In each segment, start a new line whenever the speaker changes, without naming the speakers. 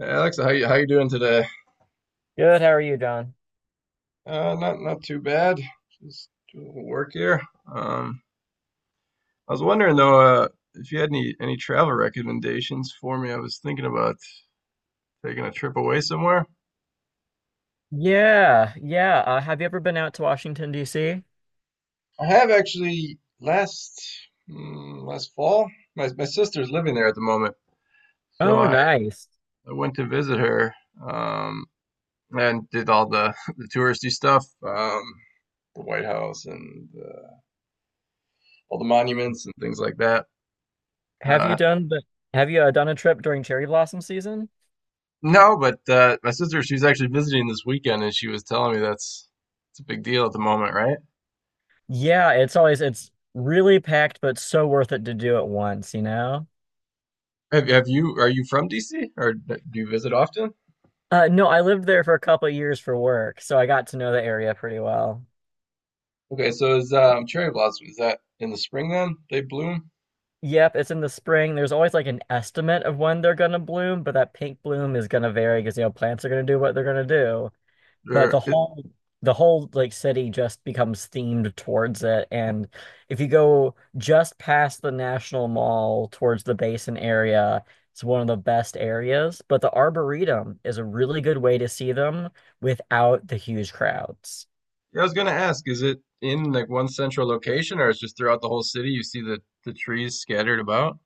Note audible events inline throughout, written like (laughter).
Alexa, how you doing today?
Good. How are you, John?
Not too bad. Just doing a little work here. Um, I was wondering though, if you had any travel recommendations for me. I was thinking about taking a trip away somewhere.
Yeah, yeah. Have you ever been out to Washington, D.C.?
I have actually last last fall. My sister's living there at the moment, so
Oh,
I
nice.
I went to visit her. Um, and did all the (laughs) the touristy stuff. The White House and all the monuments and things like that.
Have you
Uh,
done the, have you done a trip during cherry blossom season?
No, but my sister, she's actually visiting this weekend, and she was telling me that's it's a big deal at the moment, right?
Yeah, it's always it's really packed, but so worth it to do it once, you know?
Have you are you from DC, or do you visit often?
No, I lived there for a couple of years for work, so I got to know the area pretty well.
Okay, so is cherry blossom, is that in the spring then they bloom?
Yep, it's in the spring. There's always like an estimate of when they're gonna bloom, but that pink bloom is gonna vary because you know plants are gonna do what they're gonna do. But the
Or it,
whole the whole like city just becomes themed towards it, and if you go just past the National Mall towards the Basin area, it's one of the best areas, but the Arboretum is a really good way to see them without the huge crowds.
I was gonna ask, is it in like one central location, or it's just throughout the whole city? You see the trees scattered about?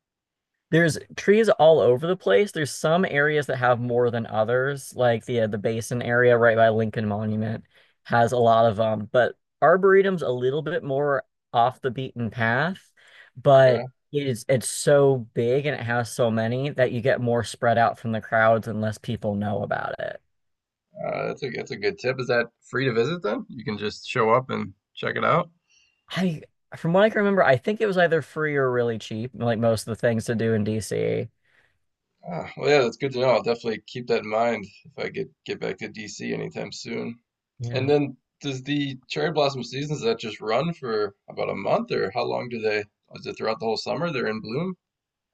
There's trees all over the place. There's some areas that have more than others, like the basin area right by Lincoln Monument has a lot of them, but Arboretum's a little bit more off the beaten path,
Okay,
but it is it's so big and it has so many that you get more spread out from the crowds and less people know about it.
that's a good tip. Is that free to visit then? You can just show up and check it out.
I From what I can remember, I think it was either free or really cheap, like most of the things to do in DC.
Ah, well, yeah, that's good to know. I'll definitely keep that in mind if I get back to DC anytime soon. And
Yeah.
then, does the cherry blossom season, does that just run for about a month, or how long do they? Is it throughout the whole summer they're in bloom?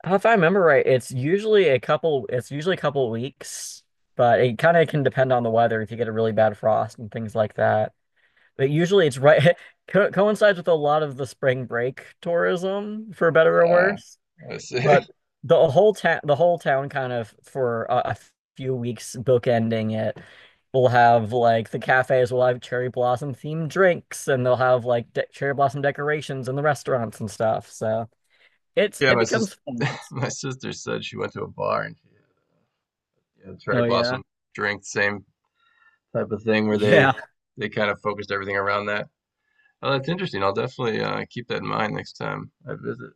If I remember right, it's usually a couple weeks, but it kind of can depend on the weather if you get a really bad frost and things like that. But usually it's right, (laughs) co coincides with a lot of the spring break tourism, for better or
Uh,
worse.
I see.
But
(laughs)
the whole town kind of for a few weeks bookending it will have like the cafes will have cherry blossom themed drinks, and they'll have like de cherry blossom decorations in the restaurants and stuff. So it's,
Yeah,
it
my sister,
becomes fun.
(laughs) my sister said she went to a bar and she had a cherry
Oh yeah.
blossom drink, same type of thing where
Yeah.
they kind of focused everything around that. Oh, that's interesting. I'll definitely keep that in mind next time I visit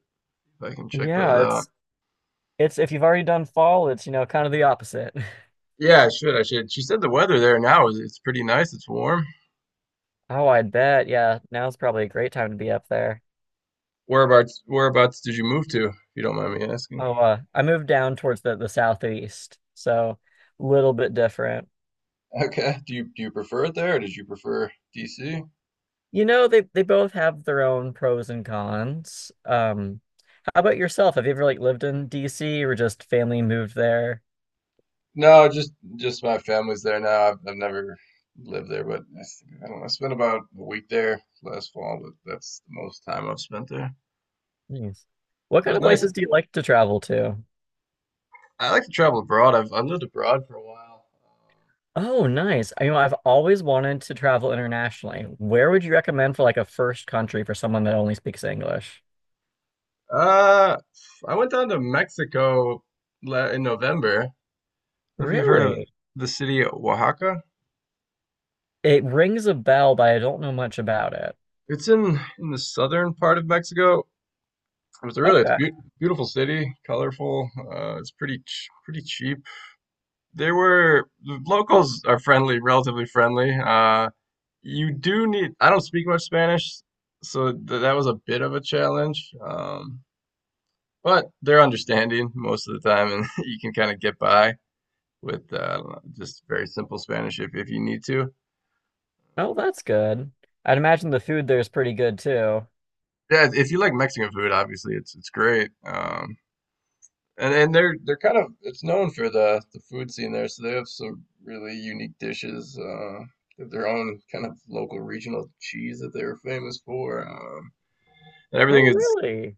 if I can check those
Yeah,
out.
it's if you've already done fall, it's you know kind of the opposite. (laughs)
Yeah, I should. I should. She said the weather there now is it's pretty nice. It's warm.
Oh, I bet. Yeah, now's probably a great time to be up there.
Whereabouts did you move to, if you don't mind me asking?
Oh, I moved down towards the southeast, so a little bit different.
Okay. Do you prefer it there, or did you prefer DC?
You know, they both have their own pros and cons. How about yourself? Have you ever like lived in DC or just family moved there?
No, just my family's there now. I've never lived there, but I, think- I don't know. I spent about a week there last fall, but that's the most time I've spent there.
Nice. What
It
kind
was
of
nice.
places do you like to travel to?
I like to travel abroad. I lived abroad for a while.
Oh, nice. You know, I've always wanted to travel internationally. Where would you recommend for like a first country for someone that only speaks English?
Uh, I went down to Mexico in November. If you've heard of
Really?
the city of Oaxaca,
It rings a bell, but I don't know much about it.
it's in the southern part of Mexico. It's a really it's
Okay.
a beautiful city, colorful. It's pretty cheap. The locals are friendly, relatively friendly. You do need I don't speak much Spanish, so th that was a bit of a challenge. But they're understanding most of the time, and (laughs) you can kind of get by with I don't know, just very simple Spanish if you need to.
Oh, that's good. I'd imagine the food there is pretty good too.
Yeah, if you like Mexican food, obviously it's great. And they're kind of, it's known for the food scene there, so they have some really unique dishes. With their own kind of local regional cheese that they were famous for. And everything
Oh,
is
really?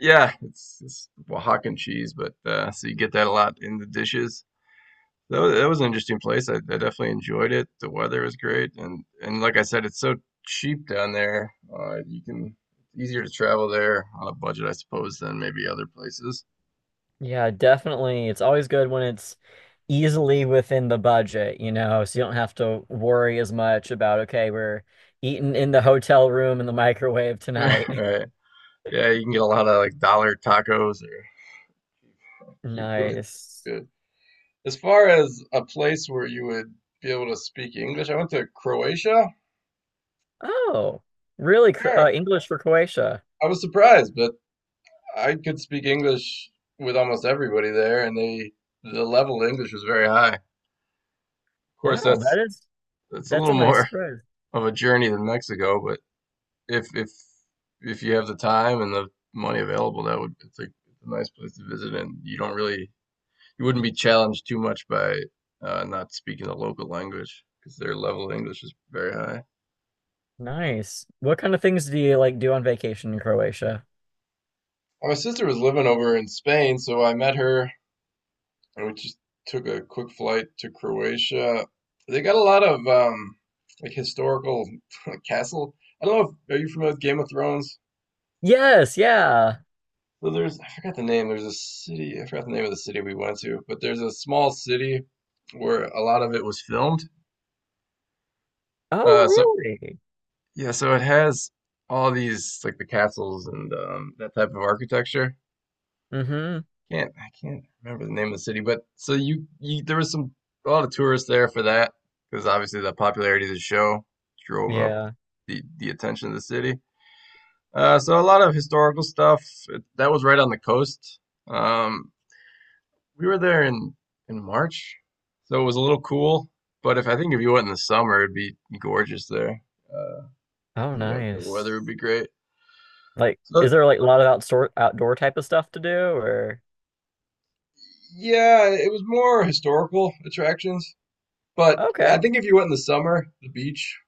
yeah, it's Oaxacan cheese, but so you get that a lot in the dishes. That was an interesting place. I definitely enjoyed it. The weather was great, and like I said, it's so cheap down there. You can, it's easier to travel there on a budget, I suppose, than maybe other places.
Yeah, definitely. It's always good when it's easily within the budget, you know, so you don't have to worry as much about, okay, we're eating in the hotel room in the microwave
(laughs)
tonight.
Right. Yeah, you can get a lot of like dollar tacos or
(laughs)
cheap food.
Nice.
Good. As far as a place where you would be able to speak English, I went to Croatia.
Oh, really?
Yeah,
English for Croatia.
I was surprised, but I could speak English with almost everybody there, and the level of English was very high. Of course,
Wow, that is
that's a
that's
little
a nice
more
spread.
of a journey than Mexico, but if if you have the time and the money available, that would it's like a nice place to visit, and you don't really, you wouldn't be challenged too much by not speaking the local language because their level of English is very high.
Nice. What kind of things do you like do on vacation in Croatia?
My sister was living over in Spain, so I met her, and we just took a quick flight to Croatia. They got a lot of like historical (laughs) castle. I don't know if, are you familiar with Game of Thrones?
Yes, yeah.
So there's, I forgot the name. There's a city. I forgot the name of the city we went to, but there's a small city where a lot of it was filmed.
Oh,
So
really?
yeah, so it has all these like the castles and that type of architecture.
Mm-hmm.
Can't I can't remember the name of the city, but so you, there was some, a lot of tourists there for that because obviously the popularity of the show drove up
Yeah.
the attention of the city. So a lot of historical stuff that was right on the coast. Um, we were there in March, so it was a little cool. But if, I think if you went in the summer, it'd be gorgeous there. Uh,
Oh,
what the
nice.
weather would be great.
Like, is
So
there like a lot of outdoor type of stuff to do or?
yeah, it was more historical attractions, but I
Okay,
think if you went in the summer, the beach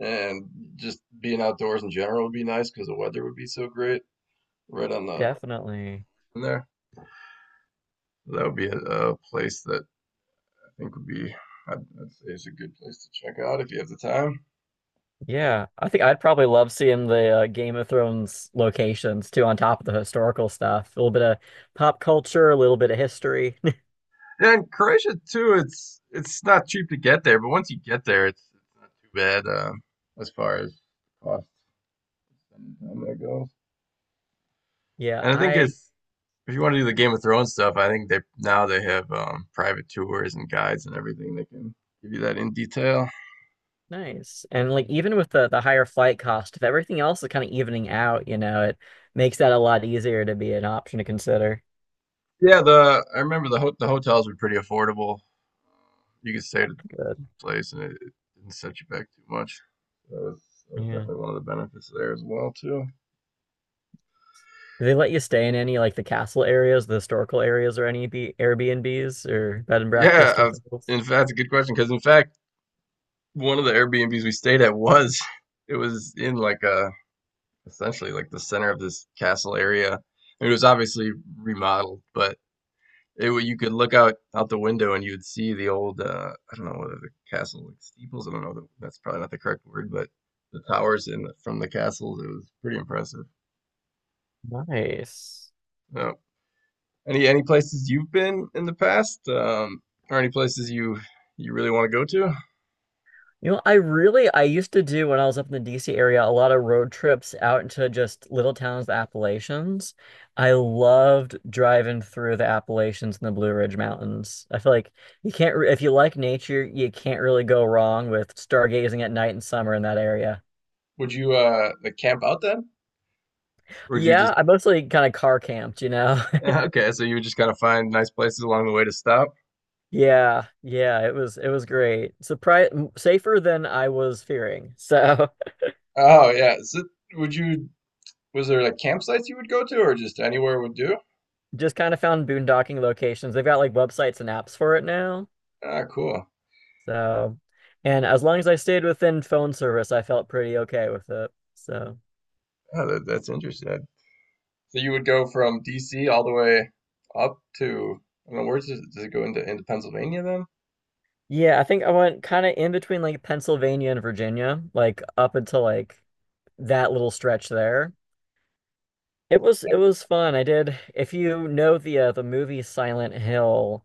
and just being outdoors in general would be nice because the weather would be so great right on the
definitely.
in there. That would be a place that I think would be, I'd say is a good place to check out if you have the time.
Yeah, I think I'd probably love seeing the Game of Thrones locations too, on top of the historical stuff. A little bit of pop culture, a little bit of history. (laughs)
Yeah, and Croatia too. It's not cheap to get there, but once you get there, it's not too bad as far as cost and time that goes.
Yeah,
And I think
I
it's, if you want to do the Game of Thrones stuff, I think they now, they have private tours and guides and everything that can give you that in detail.
Nice. And like even with the higher flight cost, if everything else is kind of evening out, you know, it makes that a lot easier to be an option to consider.
Yeah, the I remember the ho the hotels were pretty affordable. You could stay at a
Good.
place and it didn't set you back too much. That was, that was
Yeah.
definitely one of the benefits there as well too.
Do they let you stay in any like the castle areas, the historical areas, or any B Airbnbs or bed and
Yeah,
breakfast type
I've,
of things?
in fact, that's a good question because in fact, one of the Airbnbs we stayed at was, (laughs) it was in like a, essentially like the center of this castle area. It was obviously remodeled, but it, you could look out the window and you would see the old I don't know whether the castle like steeples, I don't know that's probably not the correct word, but the towers in from the castles, it was pretty impressive.
Nice.
Yeah. Any places you've been in the past, or any places you you really want to go to?
You know, I used to do when I was up in the DC area a lot of road trips out into just little towns, the Appalachians. I loved driving through the Appalachians and the Blue Ridge Mountains. I feel like you can't re if you like nature, you can't really go wrong with stargazing at night in summer in that area.
Would you like camp out then? Or would you just
Yeah, I mostly kind of car camped, you know.
(laughs)
(laughs)
yeah, okay, so you would just kind of find nice places along the way to stop.
Yeah, yeah, it was great. Surprise safer than I was fearing. So,
Oh yeah. Would you, was there like campsites you would go to, or just anywhere would do?
(laughs) just kind of found boondocking locations. They've got like websites and apps for it now.
Ah, cool.
So, and as long as I stayed within phone service, I felt pretty okay with it. So,
Yeah, that's interesting. So you would go from DC all the way up to, I don't know, where does does it go into Pennsylvania then?
yeah, I think I went kind of in between like Pennsylvania and Virginia, like up until like that little stretch there.
Yeah,
It was fun. I did. If you know the movie Silent Hill,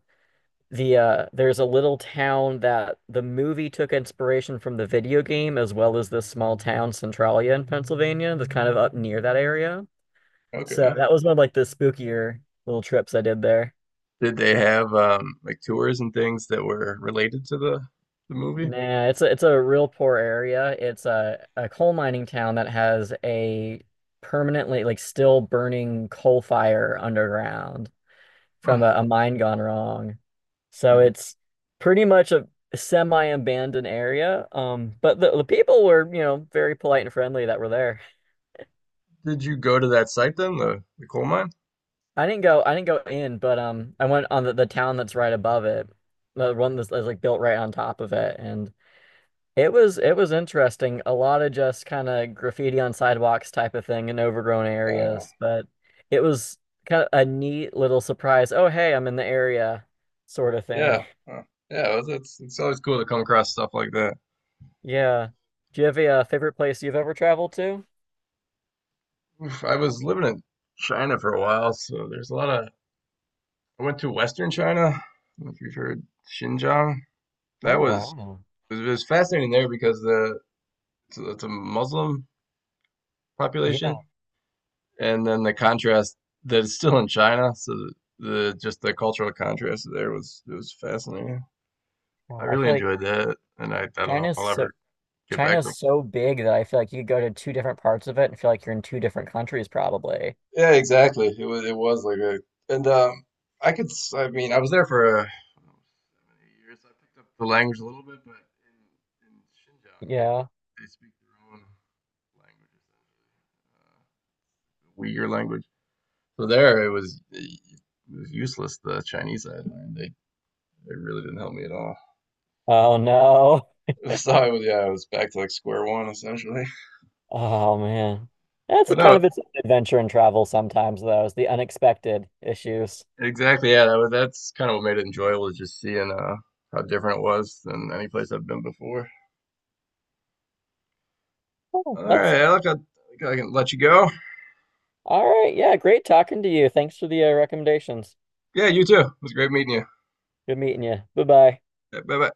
there's a little town that the movie took inspiration from the video game, as well as this small town Centralia in Pennsylvania that's kind of up near that area. So
okay.
that was one of like the spookier little trips I did there.
Did they have like tours and things that were related to the movie?
Nah, it's a real poor area. It's a coal mining town that has a permanently like still burning coal fire underground
Huh.
from a mine gone wrong. So
Did you,
it's pretty much a semi-abandoned area. But the people were, you know, very polite and friendly that were there.
did you go to that site then, the coal mine?
I didn't go in, but I went on the town that's right above it. The one that's like built right on top of it and it was it was interesting. A lot of just kind of graffiti on sidewalks type of thing in overgrown
Uh,
areas, but it was kind of a neat little surprise. Oh, hey, I'm in the area sort of
yeah.
thing.
Huh. Yeah, well, it's always cool to come across stuff like that.
Yeah. Do you have a favorite place you've ever traveled to?
Oof, I was living in China for a while, so there's a lot of. I went to Western China. I don't know if you've heard Xinjiang. That
Oh,
was,
wow.
it was fascinating there because the it's it's a Muslim population,
Yeah.
and then the contrast that it's still in China. So the just the cultural contrast there was it was fascinating. I
Wow. I
really
feel like
enjoyed that, and I don't know if
China's
I'll
so
ever get back to
China's so big that I feel like you could go to two different parts of it and feel like you're in two different countries probably.
yeah, exactly. It was, it was like a, and I could I mean, I was there for 7 8 years. I picked up the language a little bit, but in in Xinjiang they
Yeah.
speak their own language essentially, Uyghur language. So there it was useless. The Chinese I had learned they really didn't help me at all.
Oh no.
(laughs) So I was, yeah, I was back to like square one essentially. (laughs)
Oh man. That's
But
kind
no,
of its own adventure and travel sometimes though, is the unexpected issues.
exactly. Yeah, that was, that's kind of what made it enjoyable is just seeing how different it was than any place I've been before.
Oh,
All
that's
right, Alec, I think I can let you go.
all right. Yeah, great talking to you. Thanks for the recommendations.
Yeah, you too. It was great meeting you.
Good meeting you. Bye-bye.
Bye bye.